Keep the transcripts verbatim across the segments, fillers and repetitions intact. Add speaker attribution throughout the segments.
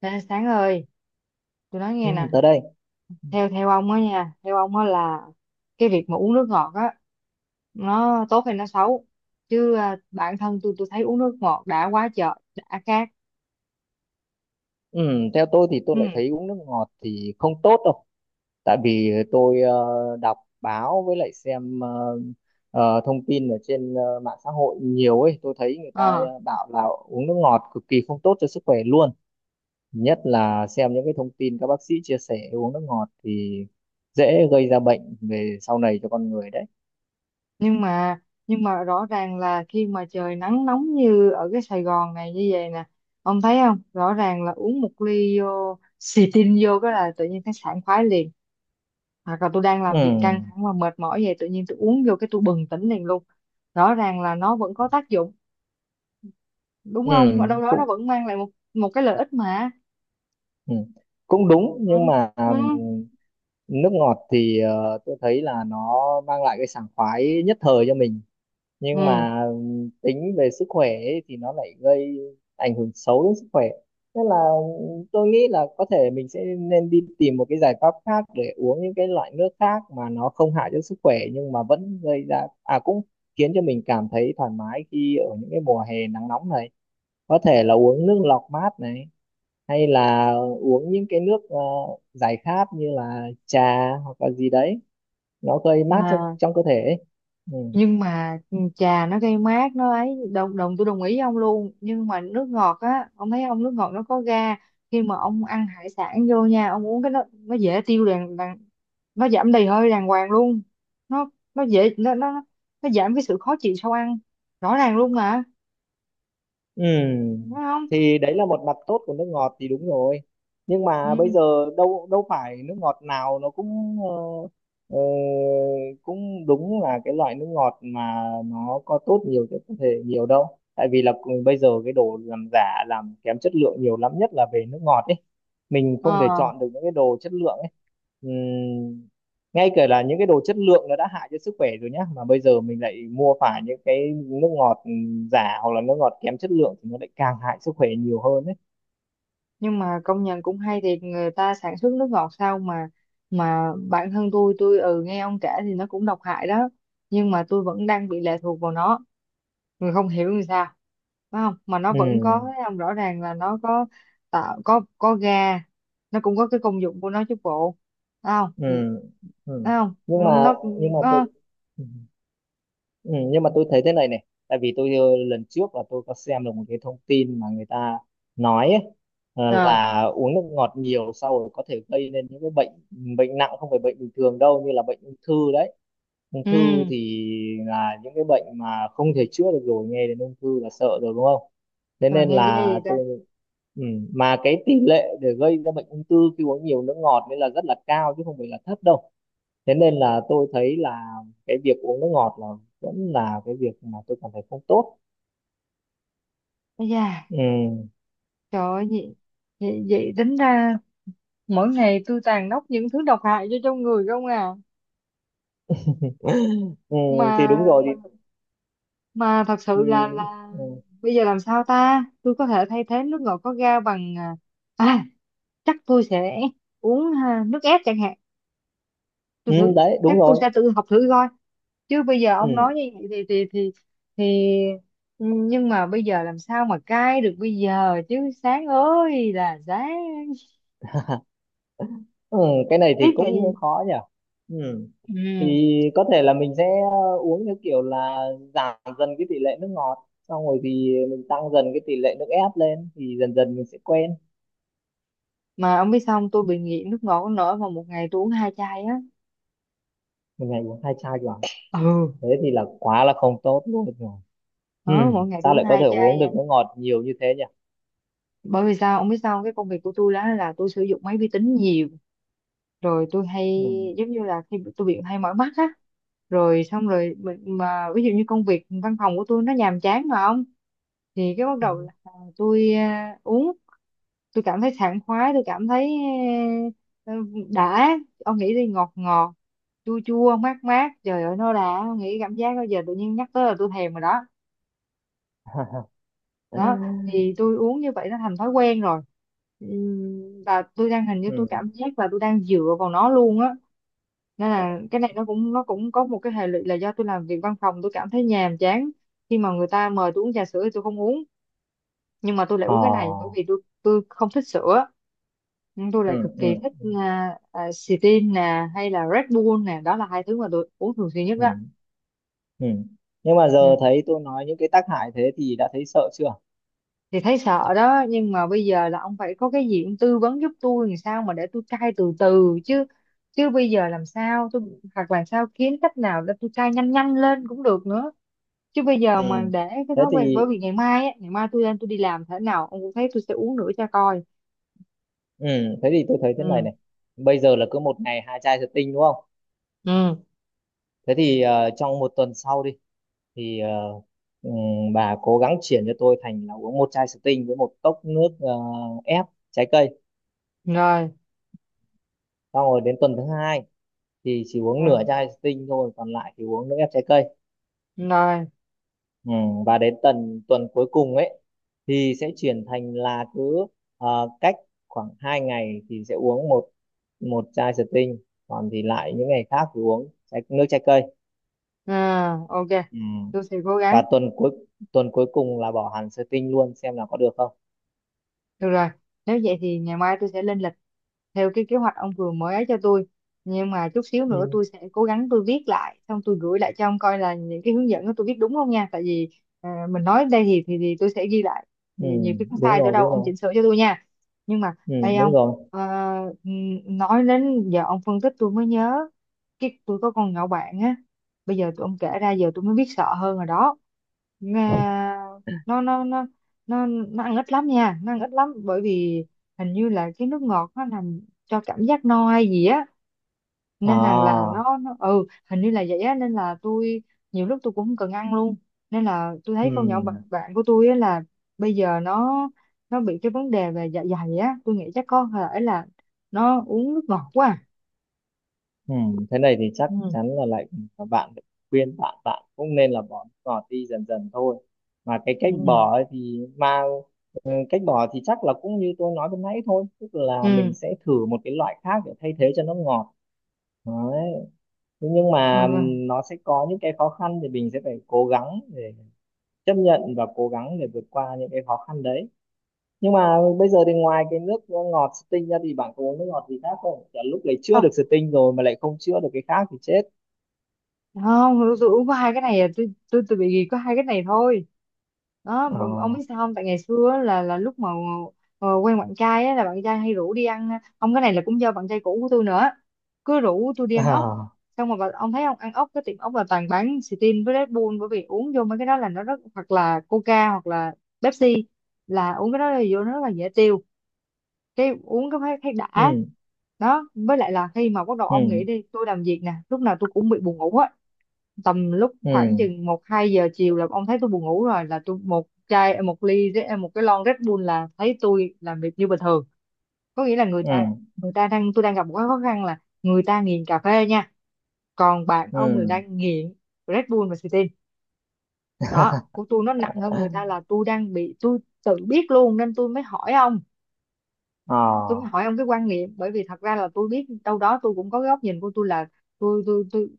Speaker 1: Ê, Sáng ơi, tôi nói
Speaker 2: Ừ,
Speaker 1: nghe nè,
Speaker 2: tới đây.
Speaker 1: theo theo ông á nha, theo ông á là cái việc mà uống nước ngọt á, nó tốt hay nó xấu? Chứ à, bản thân tôi tôi thấy uống nước ngọt đã quá trời, đã khát.
Speaker 2: ừ, Theo tôi thì tôi lại thấy uống nước ngọt thì không tốt đâu, tại vì tôi ờ, đọc báo với lại xem ờ, ờ, thông tin ở trên ờ, mạng xã hội nhiều ấy, tôi thấy người ta
Speaker 1: Ừ.
Speaker 2: ờ, bảo là uống nước ngọt cực kỳ không tốt cho sức khỏe luôn, nhất là xem những cái thông tin các bác sĩ chia sẻ uống nước ngọt thì dễ gây ra bệnh về sau này cho con người đấy.
Speaker 1: nhưng mà nhưng mà rõ ràng là khi mà trời nắng nóng như ở cái Sài Gòn này như vậy nè, ông thấy không, rõ ràng là uống một ly vô xì tin vô cái là tự nhiên thấy sảng khoái liền, hoặc là tôi đang
Speaker 2: ừ,
Speaker 1: làm việc căng thẳng và mệt mỏi vậy tự nhiên tôi uống vô cái tôi bừng tỉnh liền luôn. Rõ ràng là nó vẫn có tác dụng, đúng
Speaker 2: ừ,
Speaker 1: không, ở đâu đó nó
Speaker 2: Cũng
Speaker 1: vẫn mang lại một một cái lợi ích mà.
Speaker 2: ừ, cũng đúng,
Speaker 1: Ừ.
Speaker 2: nhưng mà
Speaker 1: Ừ.
Speaker 2: nước ngọt thì ờ, tôi thấy là nó mang lại cái sảng khoái nhất thời cho mình, nhưng
Speaker 1: Ừ.
Speaker 2: mà ừm, tính về sức khỏe ấy, thì nó lại gây ảnh hưởng xấu đến sức khỏe. Nên là ừm, tôi nghĩ là có thể mình sẽ nên đi tìm một cái giải pháp khác để uống những cái loại nước khác mà nó không hại cho sức khỏe nhưng mà vẫn gây ra à cũng khiến cho mình cảm thấy thoải mái khi ở những cái mùa hè nắng nóng này. Có thể là uống nước lọc mát này, hay là uống những cái nước ờ, giải khát như là trà hoặc là gì đấy, nó gây mát cho
Speaker 1: Mà
Speaker 2: trong cơ thể ấy. Ừ.
Speaker 1: nhưng mà trà nó gây mát nó ấy, đồng đồng tôi đồng ý ông luôn, nhưng mà nước ngọt á, ông thấy ông, nước ngọt nó có ga, khi mà ông ăn hải sản vô nha ông uống cái nó nó dễ tiêu đàng, đàng nó giảm đầy hơi đàng hoàng luôn, nó nó dễ nó nó nó giảm cái sự khó chịu sau ăn, rõ ràng luôn mà,
Speaker 2: Ừ,
Speaker 1: đúng không?
Speaker 2: thì đấy là một mặt tốt của nước ngọt thì đúng rồi. Nhưng mà bây
Speaker 1: Ừ.
Speaker 2: giờ đâu đâu phải nước ngọt nào nó cũng ờ, ờ, cũng đúng là cái loại nước ngọt mà nó có tốt nhiều cho cơ thể nhiều đâu. Tại vì là cùng- bây giờ cái đồ làm giả làm kém chất lượng nhiều lắm, nhất là về nước ngọt ấy. Mình không thể chọn
Speaker 1: ờ
Speaker 2: được những cái đồ chất lượng ấy, ngay cả là những cái đồ chất lượng nó đã hại cho sức khỏe rồi nhá, mà bây giờ mình lại mua phải những cái nước ngọt ừ, giả hoặc là nước ngọt kém chất lượng thì nó lại càng hại sức khỏe nhiều hơn đấy.
Speaker 1: nhưng mà công nhận cũng hay thiệt, người ta sản xuất nước ngọt sao mà mà bản thân tôi tôi ừ nghe ông kể thì nó cũng độc hại đó, nhưng mà tôi vẫn đang bị lệ thuộc vào nó, người không hiểu làm sao, phải không, mà nó
Speaker 2: Ừ.
Speaker 1: vẫn có, thấy không, rõ ràng là nó có tạo, có có ga, nó cũng có cái công dụng của nó chứ bộ, phải không?
Speaker 2: Ừ. Ừ.
Speaker 1: Phải không?
Speaker 2: nhưng mà
Speaker 1: Nó
Speaker 2: nhưng mà tôi
Speaker 1: nó
Speaker 2: ừ. Ừ, nhưng mà tôi thấy thế này này, tại vì tôi ờ, lần trước là tôi có xem được một cái thông tin mà người ta nói ấy, ờ,
Speaker 1: à,
Speaker 2: là uống nước ngọt nhiều sau rồi có thể gây nên những cái bệnh, bệnh nặng không phải bệnh bình thường đâu, như là bệnh ung thư đấy. Ung thư
Speaker 1: ừ
Speaker 2: thì là những cái bệnh mà không thể chữa được rồi, nghe đến ung thư là sợ rồi đúng không? Thế
Speaker 1: trời
Speaker 2: nên
Speaker 1: nghe ghê
Speaker 2: là
Speaker 1: vậy ta.
Speaker 2: tôi ừ, mà cái tỷ lệ để gây ra bệnh ung thư khi uống nhiều nước ngọt nên là rất là cao chứ không phải là thấp đâu. Thế nên là tôi thấy là cái việc uống nước ngọt là vẫn là cái việc mà tôi cảm thấy không tốt.
Speaker 1: Ây da,
Speaker 2: Ừ.
Speaker 1: trời ơi, vậy, vậy, vậy tính ra mỗi ngày tôi tàn nóc những thứ độc hại cho trong người không à.
Speaker 2: Ừ, thì đúng
Speaker 1: mà
Speaker 2: rồi,
Speaker 1: mà,
Speaker 2: thì,
Speaker 1: mà thật
Speaker 2: thì
Speaker 1: sự là là
Speaker 2: ừ,
Speaker 1: bây giờ làm sao ta, tôi có thể thay thế nước ngọt có ga bằng, à, à, chắc tôi sẽ uống ha, nước ép chẳng hạn, tôi
Speaker 2: ừ,
Speaker 1: thử,
Speaker 2: đấy
Speaker 1: chắc
Speaker 2: đúng
Speaker 1: tôi
Speaker 2: rồi.
Speaker 1: sẽ tự học thử coi, chứ bây giờ
Speaker 2: Ừ.
Speaker 1: ông nói như vậy thì thì thì thì nhưng mà bây giờ làm sao mà cai được bây giờ chứ, sáng ơi là sáng,
Speaker 2: Ừ, cái này
Speaker 1: biết
Speaker 2: thì
Speaker 1: là gì.
Speaker 2: cũng khó nhỉ. Ừ.
Speaker 1: Ừ.
Speaker 2: Thì có thể là mình sẽ ờ, uống theo kiểu là giảm dần cái tỷ lệ nước ngọt, xong rồi thì mình tăng dần cái tỷ lệ nước ép lên, thì dần dần mình sẽ quen.
Speaker 1: Mà ông biết sao không? Tôi bị nghiện nước ngọt nổi mà một ngày tôi uống hai chai á.
Speaker 2: Một ngày uống hai chai vào
Speaker 1: Ừ.
Speaker 2: thế thì là quá là không tốt luôn rồi.
Speaker 1: Đó,
Speaker 2: Ừ.
Speaker 1: mỗi ngày tôi
Speaker 2: Sao
Speaker 1: uống
Speaker 2: lại có
Speaker 1: hai
Speaker 2: thể
Speaker 1: chai
Speaker 2: uống được
Speaker 1: nha.
Speaker 2: nước ngọt nhiều như thế nhỉ?
Speaker 1: Bởi vì sao ông biết sao không? Cái công việc của tôi đó là tôi sử dụng máy vi tính nhiều, rồi tôi
Speaker 2: Ừ.
Speaker 1: hay, giống như là khi tôi bị hay mỏi mắt á, rồi xong rồi mình- mà ví dụ như công việc văn phòng của tôi nó nhàm chán mà không, thì cái bắt đầu
Speaker 2: Ừ.
Speaker 1: là tôi, à, uống, tôi cảm thấy sảng khoái, tôi cảm thấy, à, đã, ông nghĩ đi, ngọt ngọt chua chua mát mát, trời ơi nó đã, ông nghĩ cảm giác bây giờ tự nhiên nhắc tới là tôi thèm rồi đó. Đó, thì tôi uống như vậy nó thành thói quen rồi. Ừm, và tôi đang hình như tôi
Speaker 2: Ừ.
Speaker 1: cảm giác là tôi đang dựa vào nó luôn á, nên là cái này nó cũng, nó cũng có một cái hệ lụy là do tôi làm việc văn phòng tôi cảm thấy nhàm chán. Khi mà người ta mời tôi uống trà sữa thì tôi không uống, nhưng mà tôi lại
Speaker 2: Ờ.
Speaker 1: uống cái này bởi vì tôi tôi không thích sữa, nhưng tôi lại
Speaker 2: Ừ.
Speaker 1: cực kỳ
Speaker 2: Ừ.
Speaker 1: thích
Speaker 2: Ừ.
Speaker 1: uh, uh, nè hay là Red Bull nè, đó là hai thứ mà tôi uống thường xuyên nhất.
Speaker 2: Ừ. Ừ. Nhưng mà
Speaker 1: Đó,
Speaker 2: giờ thấy tôi nói những cái tác hại thế thì đã thấy sợ chưa?
Speaker 1: thì thấy sợ đó, nhưng mà bây giờ là ông phải có cái gì ông tư vấn giúp tôi làm sao mà để tôi cai từ từ chứ, chứ bây giờ làm sao tôi, hoặc làm sao kiếm cách nào để tôi cai nhanh nhanh lên cũng được nữa, chứ bây giờ mà
Speaker 2: Ừ.
Speaker 1: để cái
Speaker 2: Thế
Speaker 1: thói quen,
Speaker 2: thì
Speaker 1: bởi vì ngày mai á, ngày mai tôi lên tôi đi làm thế nào ông cũng thấy tôi sẽ uống nữa cho coi.
Speaker 2: Ừ, thế thì tôi thấy thế này
Speaker 1: Ừ.
Speaker 2: này. Bây giờ là cứ một ngày hai chai thủy tinh đúng không?
Speaker 1: Ừ.
Speaker 2: Thế thì ờ, trong một tuần sau đi thì ờ, ừm, bà cố gắng chuyển cho tôi thành là uống một chai thủy tinh với một cốc nước ờ, ép trái cây.
Speaker 1: Rồi.
Speaker 2: Xong rồi đến tuần thứ hai thì chỉ
Speaker 1: Ừ,
Speaker 2: uống nửa chai thủy tinh thôi, còn lại thì uống nước ép trái cây.
Speaker 1: rồi.
Speaker 2: Ừ, và đến tuần tuần cuối cùng ấy thì sẽ chuyển thành là cứ ờ, cách khoảng hai ngày thì sẽ uống một một chai thủy tinh, còn thì lại những ngày khác thì uống trái, nước trái cây.
Speaker 1: Ừ, ok,
Speaker 2: Ừ.
Speaker 1: tôi sẽ cố
Speaker 2: Và
Speaker 1: gắng.
Speaker 2: tuần cuối tuần cuối cùng là bỏ hẳn Sting luôn xem là có được không.
Speaker 1: Được rồi, nếu vậy thì ngày mai tôi sẽ lên lịch theo cái kế hoạch ông vừa mới ấy cho tôi. Nhưng mà chút xíu nữa
Speaker 2: Ừ.
Speaker 1: tôi sẽ cố gắng tôi viết lại, xong tôi gửi lại cho ông coi là những cái hướng dẫn đó tôi viết đúng không nha. Tại vì, à, mình nói đây thì, thì thì tôi sẽ ghi lại.
Speaker 2: Ừ.
Speaker 1: Thì nhiều khi có
Speaker 2: Đúng
Speaker 1: sai chỗ
Speaker 2: rồi,
Speaker 1: đâu
Speaker 2: đúng
Speaker 1: ông
Speaker 2: rồi.
Speaker 1: chỉnh sửa cho tôi nha. Nhưng mà
Speaker 2: Ừ,
Speaker 1: đây
Speaker 2: đúng
Speaker 1: ông,
Speaker 2: rồi.
Speaker 1: ờ, ừm, nói đến giờ ông phân tích tôi mới nhớ cái tôi có con nhỏ bạn á. Bây giờ tụi ông kể ra giờ tôi mới biết sợ hơn rồi đó. Nga nó nó nó nó nó ăn ít lắm nha, nó ăn ít lắm bởi vì hình như là cái nước ngọt nó làm cho cảm giác no hay gì á, nên rằng là
Speaker 2: À.
Speaker 1: nó, nó ừ hình như là vậy á, nên là tôi nhiều lúc tôi cũng không cần ăn luôn, nên là tôi
Speaker 2: Ừ.
Speaker 1: thấy con nhỏ bạn, bạn của tôi á là bây giờ nó nó bị cái vấn đề về dạ dày á, tôi nghĩ chắc có thể là nó uống nước ngọt quá à.
Speaker 2: Ừ. Thế này thì chắc
Speaker 1: Ừ.
Speaker 2: chắn là lại các bạn phải khuyên bạn, bạn cũng nên là bỏ nước ngọt đi dần dần thôi. Mà cái
Speaker 1: Ừ.
Speaker 2: cách bỏ ấy thì mang ừ, cách bỏ thì chắc là cũng như tôi nói lúc nãy thôi, tức là mình
Speaker 1: Ừ.
Speaker 2: sẽ thử một cái loại khác để thay thế cho nước ngọt. Đấy. Thế nhưng mà ừ,
Speaker 1: Ừ.
Speaker 2: nó sẽ có những cái khó khăn thì mình sẽ phải cố gắng để chấp nhận và cố gắng để vượt qua những cái khó khăn đấy. Nhưng mà bây giờ thì ngoài cái nước ngọt Sting ra thì bạn có uống nước ngọt gì khác không? Chả lúc này chữa được
Speaker 1: Không,
Speaker 2: Sting rồi mà lại không chữa được cái khác thì chết.
Speaker 1: không tôi, tôi uống có hai cái này à, tôi tôi tôi bị gì có hai cái này thôi. Đó,
Speaker 2: Ờ.
Speaker 1: mà ông biết sao không, tại ngày xưa á, là là lúc mà ờ, quen bạn trai á, là bạn trai hay rủ đi ăn, ông, cái này là cũng do bạn trai cũ của tôi nữa, cứ rủ tôi đi ăn ốc,
Speaker 2: À.
Speaker 1: xong rồi bà- ông thấy, ông ăn ốc cái tiệm ốc là toàn bán Sting với Red Bull, bởi vì uống vô mấy cái đó là nó rất, hoặc là Coca hoặc là Pepsi, là uống cái đó là vô nó rất là dễ tiêu, cái uống cái thấy, thấy đã.
Speaker 2: Ừ.
Speaker 1: Đó, với lại là khi mà bắt đầu
Speaker 2: Ừ.
Speaker 1: ông nghĩ đi, tôi làm việc nè lúc nào tôi cũng bị buồn ngủ á, tầm lúc
Speaker 2: Ừ.
Speaker 1: khoảng chừng một hai giờ chiều là ông thấy tôi buồn ngủ rồi, là tôi một chai một ly Red- một cái lon Red Bull là thấy tôi làm việc như bình thường, có nghĩa là người
Speaker 2: Ừ.
Speaker 1: ta, người ta đang, tôi đang gặp một cái khó khăn là người ta nghiền cà phê nha, còn bạn ông là
Speaker 2: Ừ.
Speaker 1: đang nghiện Red Bull và Sting. Đó, của tôi nó nặng hơn người ta, là tôi đang bị, tôi tự biết luôn nên tôi mới hỏi ông,
Speaker 2: Ờ.
Speaker 1: tôi mới hỏi ông cái quan niệm bởi vì thật ra là tôi biết đâu đó tôi cũng có cái góc nhìn của tôi là tôi tôi tôi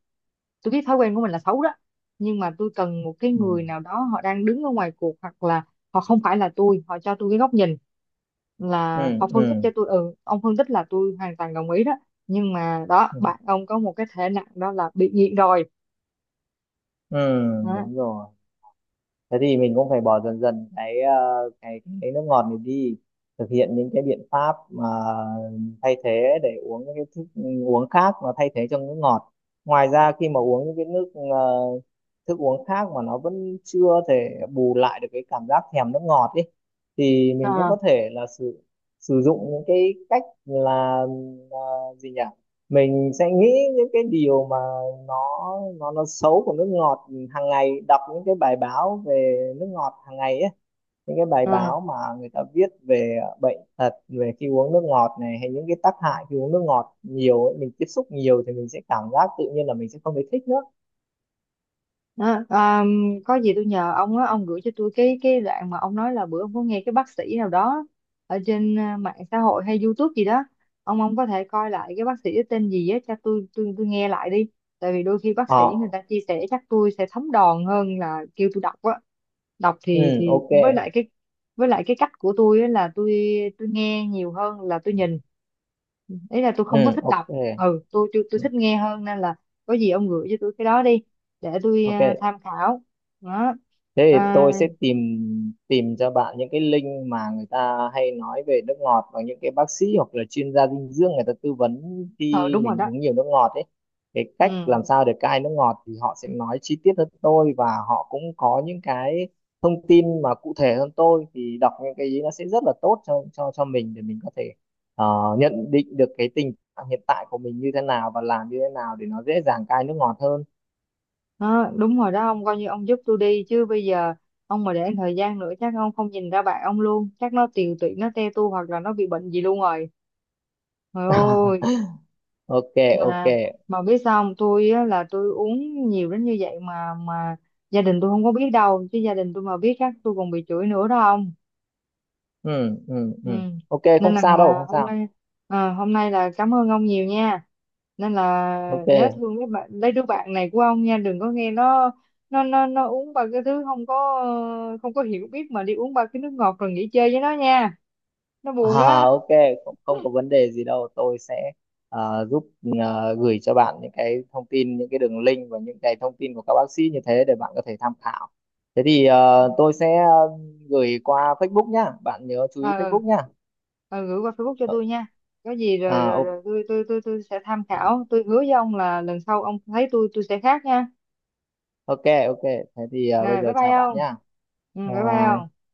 Speaker 1: tôi biết thói quen của mình là xấu đó, nhưng mà tôi cần một cái
Speaker 2: Ừ.
Speaker 1: người nào đó họ đang đứng ở ngoài cuộc hoặc là họ không phải là tôi, họ cho tôi cái góc nhìn, là
Speaker 2: Ừ.
Speaker 1: họ phân tích
Speaker 2: Ừ.
Speaker 1: cho tôi, ừ ông phân tích là tôi hoàn toàn đồng ý đó, nhưng mà đó
Speaker 2: Ừ.
Speaker 1: bạn ông có một cái thể nặng đó là bị nghiện rồi.
Speaker 2: Ừ,
Speaker 1: Đó.
Speaker 2: đúng rồi, thế thì mình cũng phải bỏ dần dần cái ờ, cái cái nước ngọt này đi, thực hiện những cái biện pháp mà thay thế để uống những cái thức uống khác mà thay thế cho nước ngọt. Ngoài ra khi mà uống những cái nước ờ, thức uống khác mà nó vẫn chưa thể bù lại được cái cảm giác thèm nước ngọt ấy thì mình cũng
Speaker 1: Ờ,
Speaker 2: có thể là sử sử dụng những cái cách là ờ, gì nhỉ mình sẽ nghĩ những cái điều mà nó nó nó xấu của nước ngọt hàng ngày, đọc những cái bài báo về nước ngọt hàng ngày ấy, những cái bài
Speaker 1: ờ.
Speaker 2: báo mà người ta viết về bệnh tật về khi uống nước ngọt này, hay những cái tác hại khi uống nước ngọt nhiều ấy, mình tiếp xúc nhiều thì mình sẽ cảm giác tự nhiên là mình sẽ không thấy thích nữa.
Speaker 1: Đó, um, có gì tôi nhờ ông á, ông gửi cho tôi cái cái đoạn mà ông nói là bữa ông có nghe cái bác sĩ nào đó ở trên, à, mạng xã hội hay YouTube gì đó, ông ông có thể coi lại cái bác sĩ đó tên gì á cho tôi, tôi tôi nghe lại đi, tại vì đôi khi bác
Speaker 2: Ờ.
Speaker 1: sĩ người ta chia sẻ chắc tôi sẽ thấm đòn hơn là kêu tôi đọc á, đọc
Speaker 2: Ừ.
Speaker 1: thì thì
Speaker 2: ô kê.
Speaker 1: với lại cái, với lại cái cách của tôi á là tôi tôi nghe nhiều hơn là tôi nhìn. Ừ, ý là tôi không có
Speaker 2: Ừ.
Speaker 1: thích đọc,
Speaker 2: OK.
Speaker 1: ừ tôi tôi tôi
Speaker 2: Ừ,
Speaker 1: thích nghe hơn, nên là có gì ông gửi cho tôi cái đó đi để tôi,
Speaker 2: ok.
Speaker 1: à, tham khảo. Đó.
Speaker 2: Thế thì tôi
Speaker 1: À,
Speaker 2: sẽ tìm tìm cho bạn những cái link mà người ta hay nói về nước ngọt và những cái bác sĩ hoặc là chuyên gia dinh dưỡng người ta tư vấn
Speaker 1: ờ
Speaker 2: khi
Speaker 1: đúng rồi
Speaker 2: mình
Speaker 1: đó.
Speaker 2: uống nhiều nước ngọt ấy. Cái cách
Speaker 1: Ừ.
Speaker 2: làm sao để cai nước ngọt thì họ sẽ nói chi tiết hơn tôi, và họ cũng có những cái thông tin mà cụ thể hơn tôi, thì đọc những cái ý nó sẽ rất là tốt cho cho cho mình để mình có thể ờ, nhận định được cái tình trạng hiện tại của mình như thế nào và làm như thế nào để nó dễ dàng cai nước ngọt hơn.
Speaker 1: Đó, đúng rồi đó, ông coi như ông giúp tôi đi chứ bây giờ ông mà để thời gian nữa chắc ông không nhìn ra bạn ông luôn, chắc nó tiều tụy, nó te tua hoặc là nó bị bệnh gì luôn rồi, trời ơi.
Speaker 2: ô kê.
Speaker 1: Mà,
Speaker 2: ô kê.
Speaker 1: mà biết sao không, tôi á, là tôi uống nhiều đến như vậy mà mà gia đình tôi không có biết đâu, chứ gia đình tôi mà biết chắc tôi còn bị chửi nữa đó.
Speaker 2: Ừ. Ừ.
Speaker 1: Ừ.
Speaker 2: Ừ. OK,
Speaker 1: Nên
Speaker 2: không
Speaker 1: là,
Speaker 2: sao đâu,
Speaker 1: à,
Speaker 2: không
Speaker 1: hôm
Speaker 2: sao.
Speaker 1: nay, à, hôm nay là cảm ơn ông nhiều nha. Nên là
Speaker 2: ô kê.
Speaker 1: nhớ thương mấy bạn, lấy đứa bạn này của ông nha, đừng có nghe nó, nó nó nó uống ba cái thứ không có, ờ, không có hiểu biết mà đi uống ba cái nước ngọt rồi nghỉ chơi với nó nha. Nó buồn
Speaker 2: À,
Speaker 1: đó.
Speaker 2: ô kê. Không, không có vấn đề gì đâu, tôi sẽ ờ, giúp ờ, gửi cho bạn những cái thông tin, những cái đường link và những cái thông tin của các bác sĩ như thế để bạn có thể tham khảo. Thế thì ờ, tôi sẽ ờ, gửi qua phây búc nhá, bạn nhớ chú ý
Speaker 1: Ờ, ờ.
Speaker 2: phây búc nhá.
Speaker 1: Ờ, gửi qua Facebook cho
Speaker 2: Ờ,
Speaker 1: tôi nha. Có gì
Speaker 2: à,
Speaker 1: rồi, rồi,
Speaker 2: ô kê.
Speaker 1: rồi tôi tôi tôi tôi sẽ tham khảo, tôi hứa với ông là lần sau ông thấy tôi tôi sẽ khác nha.
Speaker 2: OK. OK. Thế thì ờ, bây
Speaker 1: Rồi bye
Speaker 2: giờ
Speaker 1: bye
Speaker 2: chào bạn
Speaker 1: ông.
Speaker 2: nhá.
Speaker 1: Ừ
Speaker 2: Bye
Speaker 1: bye bye ông.
Speaker 2: bye.